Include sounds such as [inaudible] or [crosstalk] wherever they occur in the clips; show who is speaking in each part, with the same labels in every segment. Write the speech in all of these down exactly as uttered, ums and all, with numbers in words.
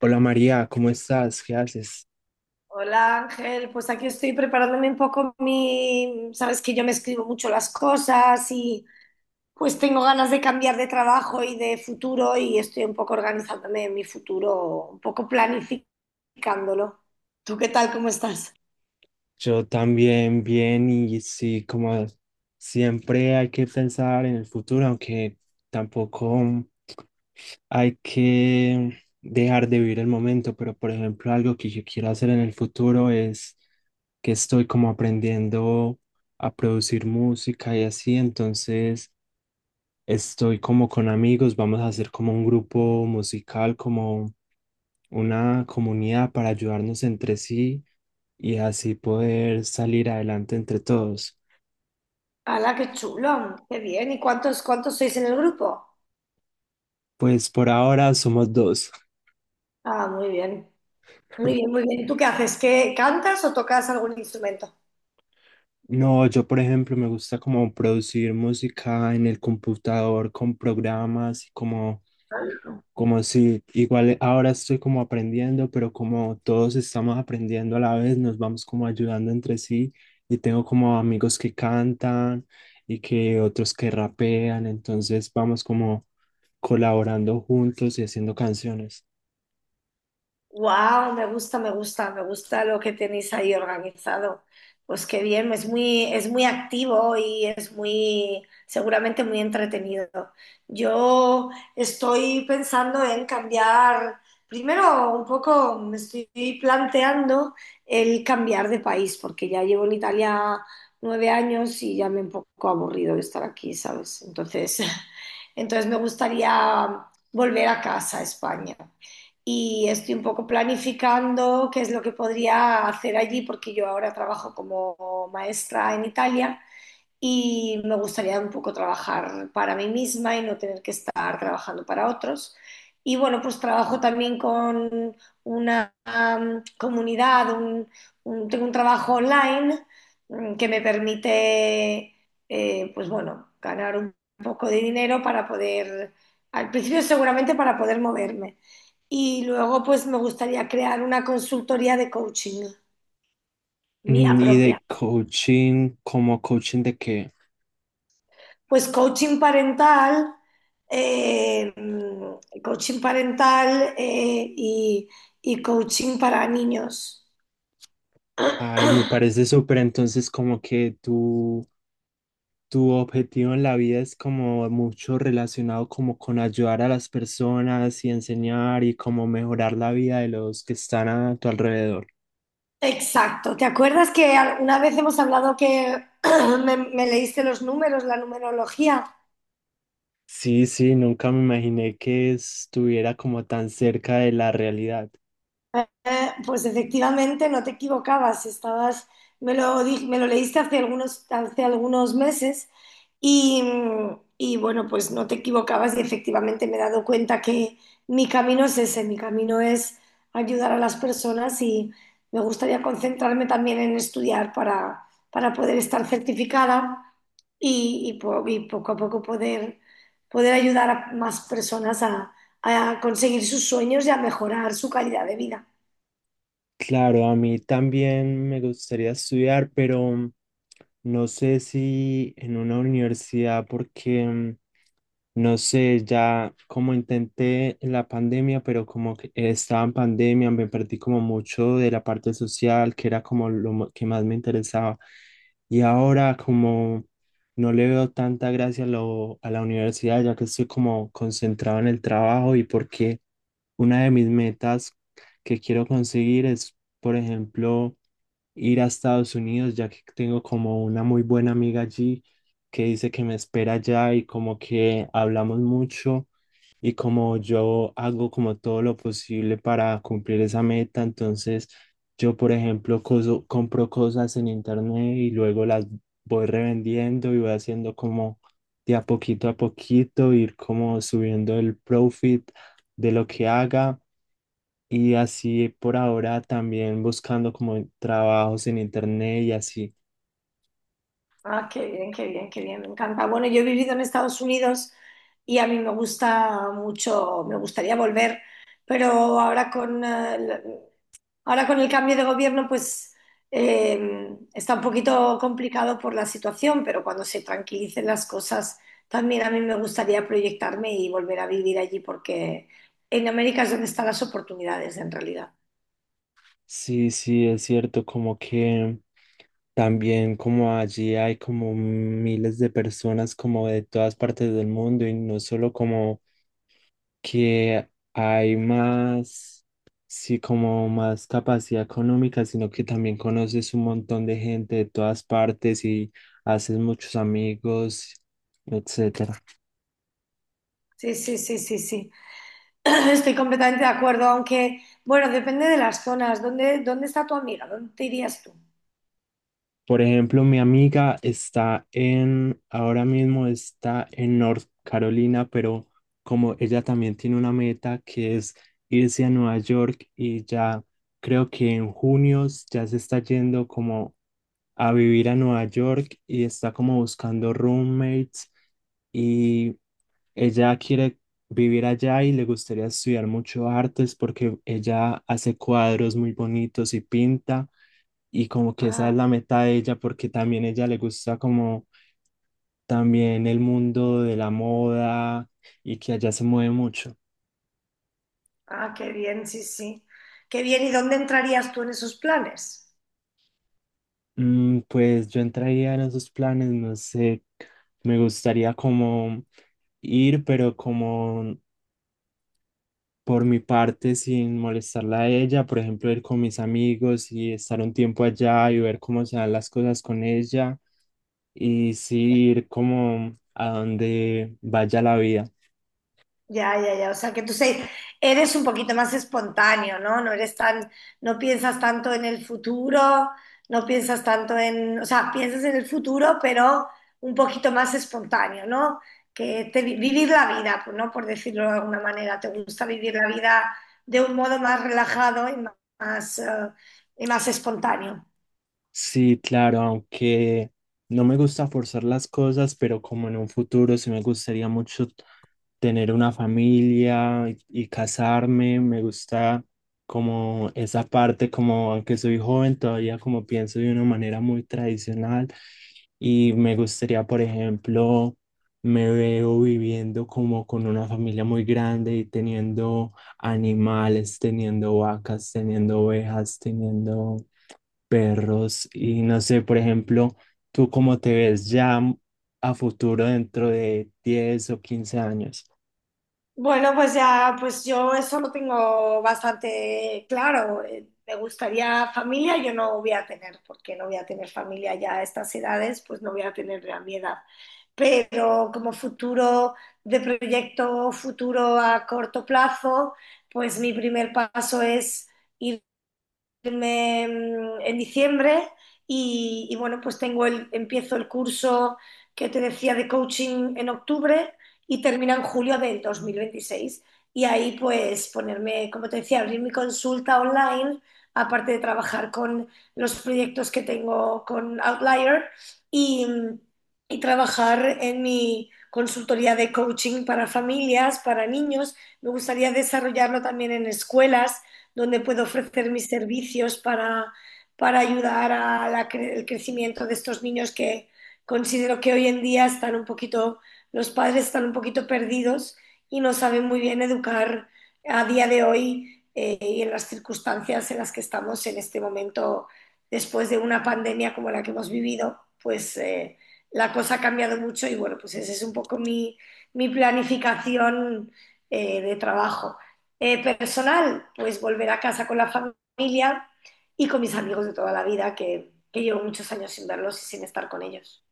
Speaker 1: Hola María, ¿cómo estás? ¿Qué haces?
Speaker 2: Hola Ángel, pues aquí estoy preparándome un poco mi, sabes que yo me escribo mucho las cosas y pues tengo ganas de cambiar de trabajo y de futuro y estoy un poco organizándome en mi futuro, un poco planificándolo. ¿Tú qué tal? ¿Cómo estás?
Speaker 1: Yo también bien y sí, como siempre hay que pensar en el futuro, aunque tampoco hay que dejar de vivir el momento, pero por ejemplo algo que yo quiero hacer en el futuro es que estoy como aprendiendo a producir música y así, entonces estoy como con amigos, vamos a hacer como un grupo musical, como una comunidad para ayudarnos entre sí y así poder salir adelante entre todos.
Speaker 2: ¡Hala, qué chulo! ¡Qué bien! ¿Y cuántos, cuántos sois en el grupo?
Speaker 1: Pues por ahora somos dos.
Speaker 2: Ah, muy bien, muy bien, muy bien. ¿Tú qué haces? ¿Qué cantas o tocas algún instrumento?
Speaker 1: No, yo por ejemplo me gusta como producir música en el computador con programas y como. Como si igual ahora estoy como aprendiendo, pero como todos estamos aprendiendo a la vez, nos vamos como ayudando entre sí y tengo como amigos que cantan y que otros que rapean, entonces vamos como colaborando juntos y haciendo canciones.
Speaker 2: Wow, me gusta, me gusta, me gusta lo que tenéis ahí organizado. Pues qué bien, es muy, es muy activo y es muy, seguramente muy entretenido. Yo estoy pensando en cambiar, primero un poco me estoy planteando el cambiar de país, porque ya llevo en Italia nueve años y ya me he un poco aburrido de estar aquí, ¿sabes? Entonces, [laughs] entonces me gustaría volver a casa, a España y estoy un poco planificando qué es lo que podría hacer allí, porque yo ahora trabajo como maestra en Italia y me gustaría un poco trabajar para mí misma y no tener que estar trabajando para otros. Y bueno, pues trabajo también con una um, comunidad, un- un- tengo un trabajo online mm, que me permite, eh, pues bueno, ganar un poco de dinero para poder, al principio seguramente para poder moverme. Y luego pues me gustaría crear una consultoría de coaching mía
Speaker 1: Mm, y
Speaker 2: propia.
Speaker 1: de coaching, como coaching de que,
Speaker 2: Pues coaching parental, eh, coaching parental eh, y, y coaching para niños.
Speaker 1: ay, me parece súper, entonces como que tú, tu objetivo en la vida es como mucho relacionado como con ayudar a las personas y enseñar y como mejorar la vida de los que están a tu alrededor.
Speaker 2: Exacto. ¿Te acuerdas que una vez hemos hablado que [clears throat] me, me leíste los números, la numerología?
Speaker 1: Sí, sí, nunca me imaginé que estuviera como tan cerca de la realidad.
Speaker 2: Eh, pues efectivamente no te equivocabas, estabas, me lo, di- me lo leíste hace algunos, hace algunos meses y, y, bueno, pues no te equivocabas y efectivamente me he dado cuenta que mi camino es ese, mi camino es ayudar a las personas y me gustaría concentrarme también en estudiar para, para poder estar certificada y, y po- y poco a poco poder, poder ayudar a más personas a a conseguir sus sueños y a mejorar su calidad de vida.
Speaker 1: Claro, a mí también me gustaría estudiar, pero no sé si en una universidad porque mm, no sé, ya como intenté la pandemia, pero como que estaba en pandemia, me perdí como mucho de la parte social, que era como lo mo- que más me interesaba. Y ahora como no le veo tanta gracia a, lo- a la universidad, ya que estoy como concentrado en el trabajo y porque una de mis metas que quiero conseguir es, por ejemplo, ir a Estados Unidos, ya que tengo como una muy buena amiga allí que dice que me espera allá y como que hablamos mucho y como yo hago como todo lo posible para cumplir esa meta, entonces yo, por ejemplo, coso- compro cosas en internet y luego las voy revendiendo y voy haciendo como de a poquito a poquito, ir como subiendo el profit de lo que haga. Y así por ahora también buscando como trabajos en internet y así.
Speaker 2: Ah, qué bien, qué bien, qué bien, me encanta. Bueno, yo he vivido en Estados Unidos y a mí me gusta mucho, me gustaría volver, pero ahora con, eh, la- ahora con el cambio de gobierno, pues eh, está un poquito complicado por la situación, pero cuando se tranquilicen las cosas, también a mí me gustaría proyectarme y volver a vivir allí, porque en América es donde están las oportunidades en realidad.
Speaker 1: Sí, sí, es cierto, como que también como allí hay como miles de personas como de todas partes del mundo y no solo como que hay más, sí, como más capacidad económica, sino que también conoces un montón de gente de todas partes y haces muchos amigos, etcétera.
Speaker 2: Sí, sí, sí, sí, sí. [clears throat] Estoy completamente de acuerdo, aunque, bueno, depende de las zonas. ¿Dónde, dónde está tu amiga? ¿Dónde te irías tú?
Speaker 1: Por ejemplo, mi amiga está en, ahora mismo está en North Carolina, pero como ella también tiene una meta que es irse a Nueva York y ya creo que en junio ya se está yendo como a vivir a Nueva York y está como buscando roommates y ella quiere vivir allá y le gustaría estudiar mucho artes porque ella hace cuadros muy bonitos y pinta y como que esa
Speaker 2: Ah,
Speaker 1: es la meta de ella porque también ella le gusta como también el mundo de la moda y que allá se mueve mucho.
Speaker 2: ah, qué bien, sí, sí. Qué bien, ¿y dónde entrarías tú en esos planes?
Speaker 1: Mm, pues yo entraría en esos planes, no sé, me gustaría como ir, pero como por mi parte sin molestarla a ella, por ejemplo, ir con mis amigos y estar un tiempo allá y ver cómo se dan las cosas con ella y sí ir como a donde vaya la vida.
Speaker 2: Ya, ya, ya. O sea, que tú se- eres un poquito más espontáneo, ¿no? No eres tan, no piensas tanto en el futuro, no piensas tanto en, o sea, piensas en el futuro, pero un poquito más espontáneo, ¿no? Que te- vivir la vida, pues, ¿no? Por decirlo de alguna manera, te gusta vivir la vida de un modo más relajado y más, más, eh, y más espontáneo.
Speaker 1: Sí, claro, aunque no me gusta forzar las cosas, pero como en un futuro sí me gustaría mucho tener una familia y, y casarme, me gusta como esa parte, como aunque soy joven, todavía como pienso de una manera muy tradicional y me gustaría, por ejemplo, me veo viviendo como con una familia muy grande y teniendo animales, teniendo vacas, teniendo ovejas, teniendo perros y no sé, por ejemplo, ¿tú cómo te ves ya a futuro dentro de diez o quince años?
Speaker 2: Bueno, pues ya, pues yo eso lo tengo bastante claro. Eh, Me gustaría familia, yo no voy a tener, porque no voy a tener familia ya a estas edades, pues no voy a tener a mi edad. Pero como futuro de proyecto, futuro a corto plazo, pues mi primer paso es ir irme mm, en diciembre y, y, bueno, pues tengo el, empiezo el curso que te decía de coaching en octubre y termina en julio del dos mil veintiséis. Y ahí pues ponerme, como te decía, abrir mi consulta online, aparte de trabajar con los proyectos que tengo con Outlier y, y trabajar en mi consultoría de coaching para familias, para niños. Me gustaría desarrollarlo también en escuelas donde puedo ofrecer mis servicios para, para ayudar al cre crecimiento de estos niños que considero que hoy en día están un poquito, los padres están un poquito perdidos y no saben muy bien educar a día de hoy eh, y en las circunstancias en las que estamos en este momento después de una pandemia como la que hemos vivido, pues eh, la cosa ha cambiado mucho y bueno, pues esa es un poco mi, mi planificación eh, de trabajo eh, personal, pues volver a casa con la familia y con mis amigos de toda la vida, que, que llevo muchos años sin verlos y sin estar con ellos.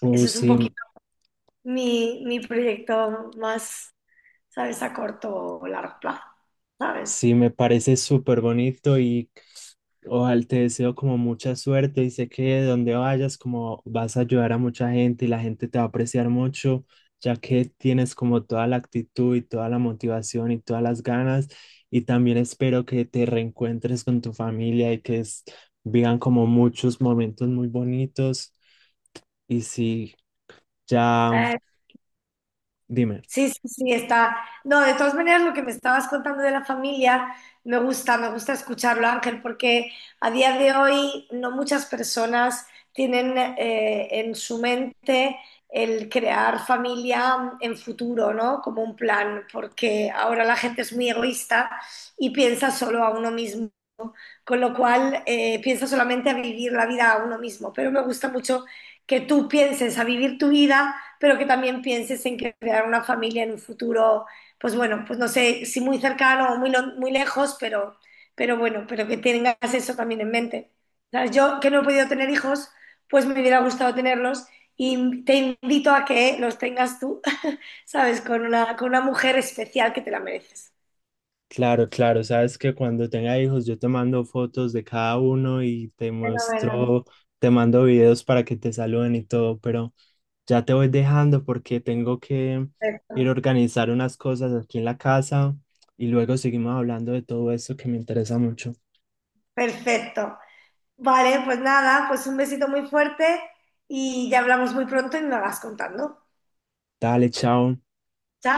Speaker 1: O
Speaker 2: Eso es un
Speaker 1: sí,
Speaker 2: poquito mi, mi proyecto más, ¿sabes?, a corto o largo plazo, ¿sabes?
Speaker 1: sí me parece súper bonito y ojalá, te deseo como mucha suerte y sé que donde vayas como vas a ayudar a mucha gente y la gente te va a apreciar mucho, ya que tienes como toda la actitud y toda la motivación y todas las ganas. Y también espero que te reencuentres con tu familia y que es- vivan como muchos momentos muy bonitos. Y sí, ya,
Speaker 2: Eh,
Speaker 1: dime.
Speaker 2: Sí, sí, sí, está. No, de todas maneras, lo que me estabas contando de la familia, me gusta, me gusta escucharlo, Ángel, porque a día de hoy no muchas personas tienen eh, en su mente el crear familia en futuro, ¿no? Como un plan, porque ahora la gente es muy egoísta y piensa solo a uno mismo con lo cual eh, pienso solamente a vivir la vida a uno mismo, pero me gusta mucho que tú pienses a vivir tu vida, pero que también pienses en crear una familia en un futuro, pues bueno, pues no sé si muy cercano o muy, lo- muy lejos, pero, pero bueno, pero que tengas eso también en mente. ¿Sabes? Yo que no he podido tener hijos, pues me hubiera gustado tenerlos y te invito a que los tengas tú, [laughs] ¿sabes? Con una, con una mujer especial que te la mereces.
Speaker 1: Claro, claro, sabes que cuando tenga hijos yo te mando fotos de cada uno y te
Speaker 2: Fenomenal.
Speaker 1: muestro, te mando videos para que te saluden y todo, pero ya te voy dejando porque tengo que ir a
Speaker 2: Perfecto.
Speaker 1: organizar unas cosas aquí en la casa y luego seguimos hablando de todo eso que me interesa mucho.
Speaker 2: Perfecto. Vale, pues nada, pues un besito muy fuerte y ya hablamos muy pronto y me vas contando.
Speaker 1: Dale, chao.
Speaker 2: Chao.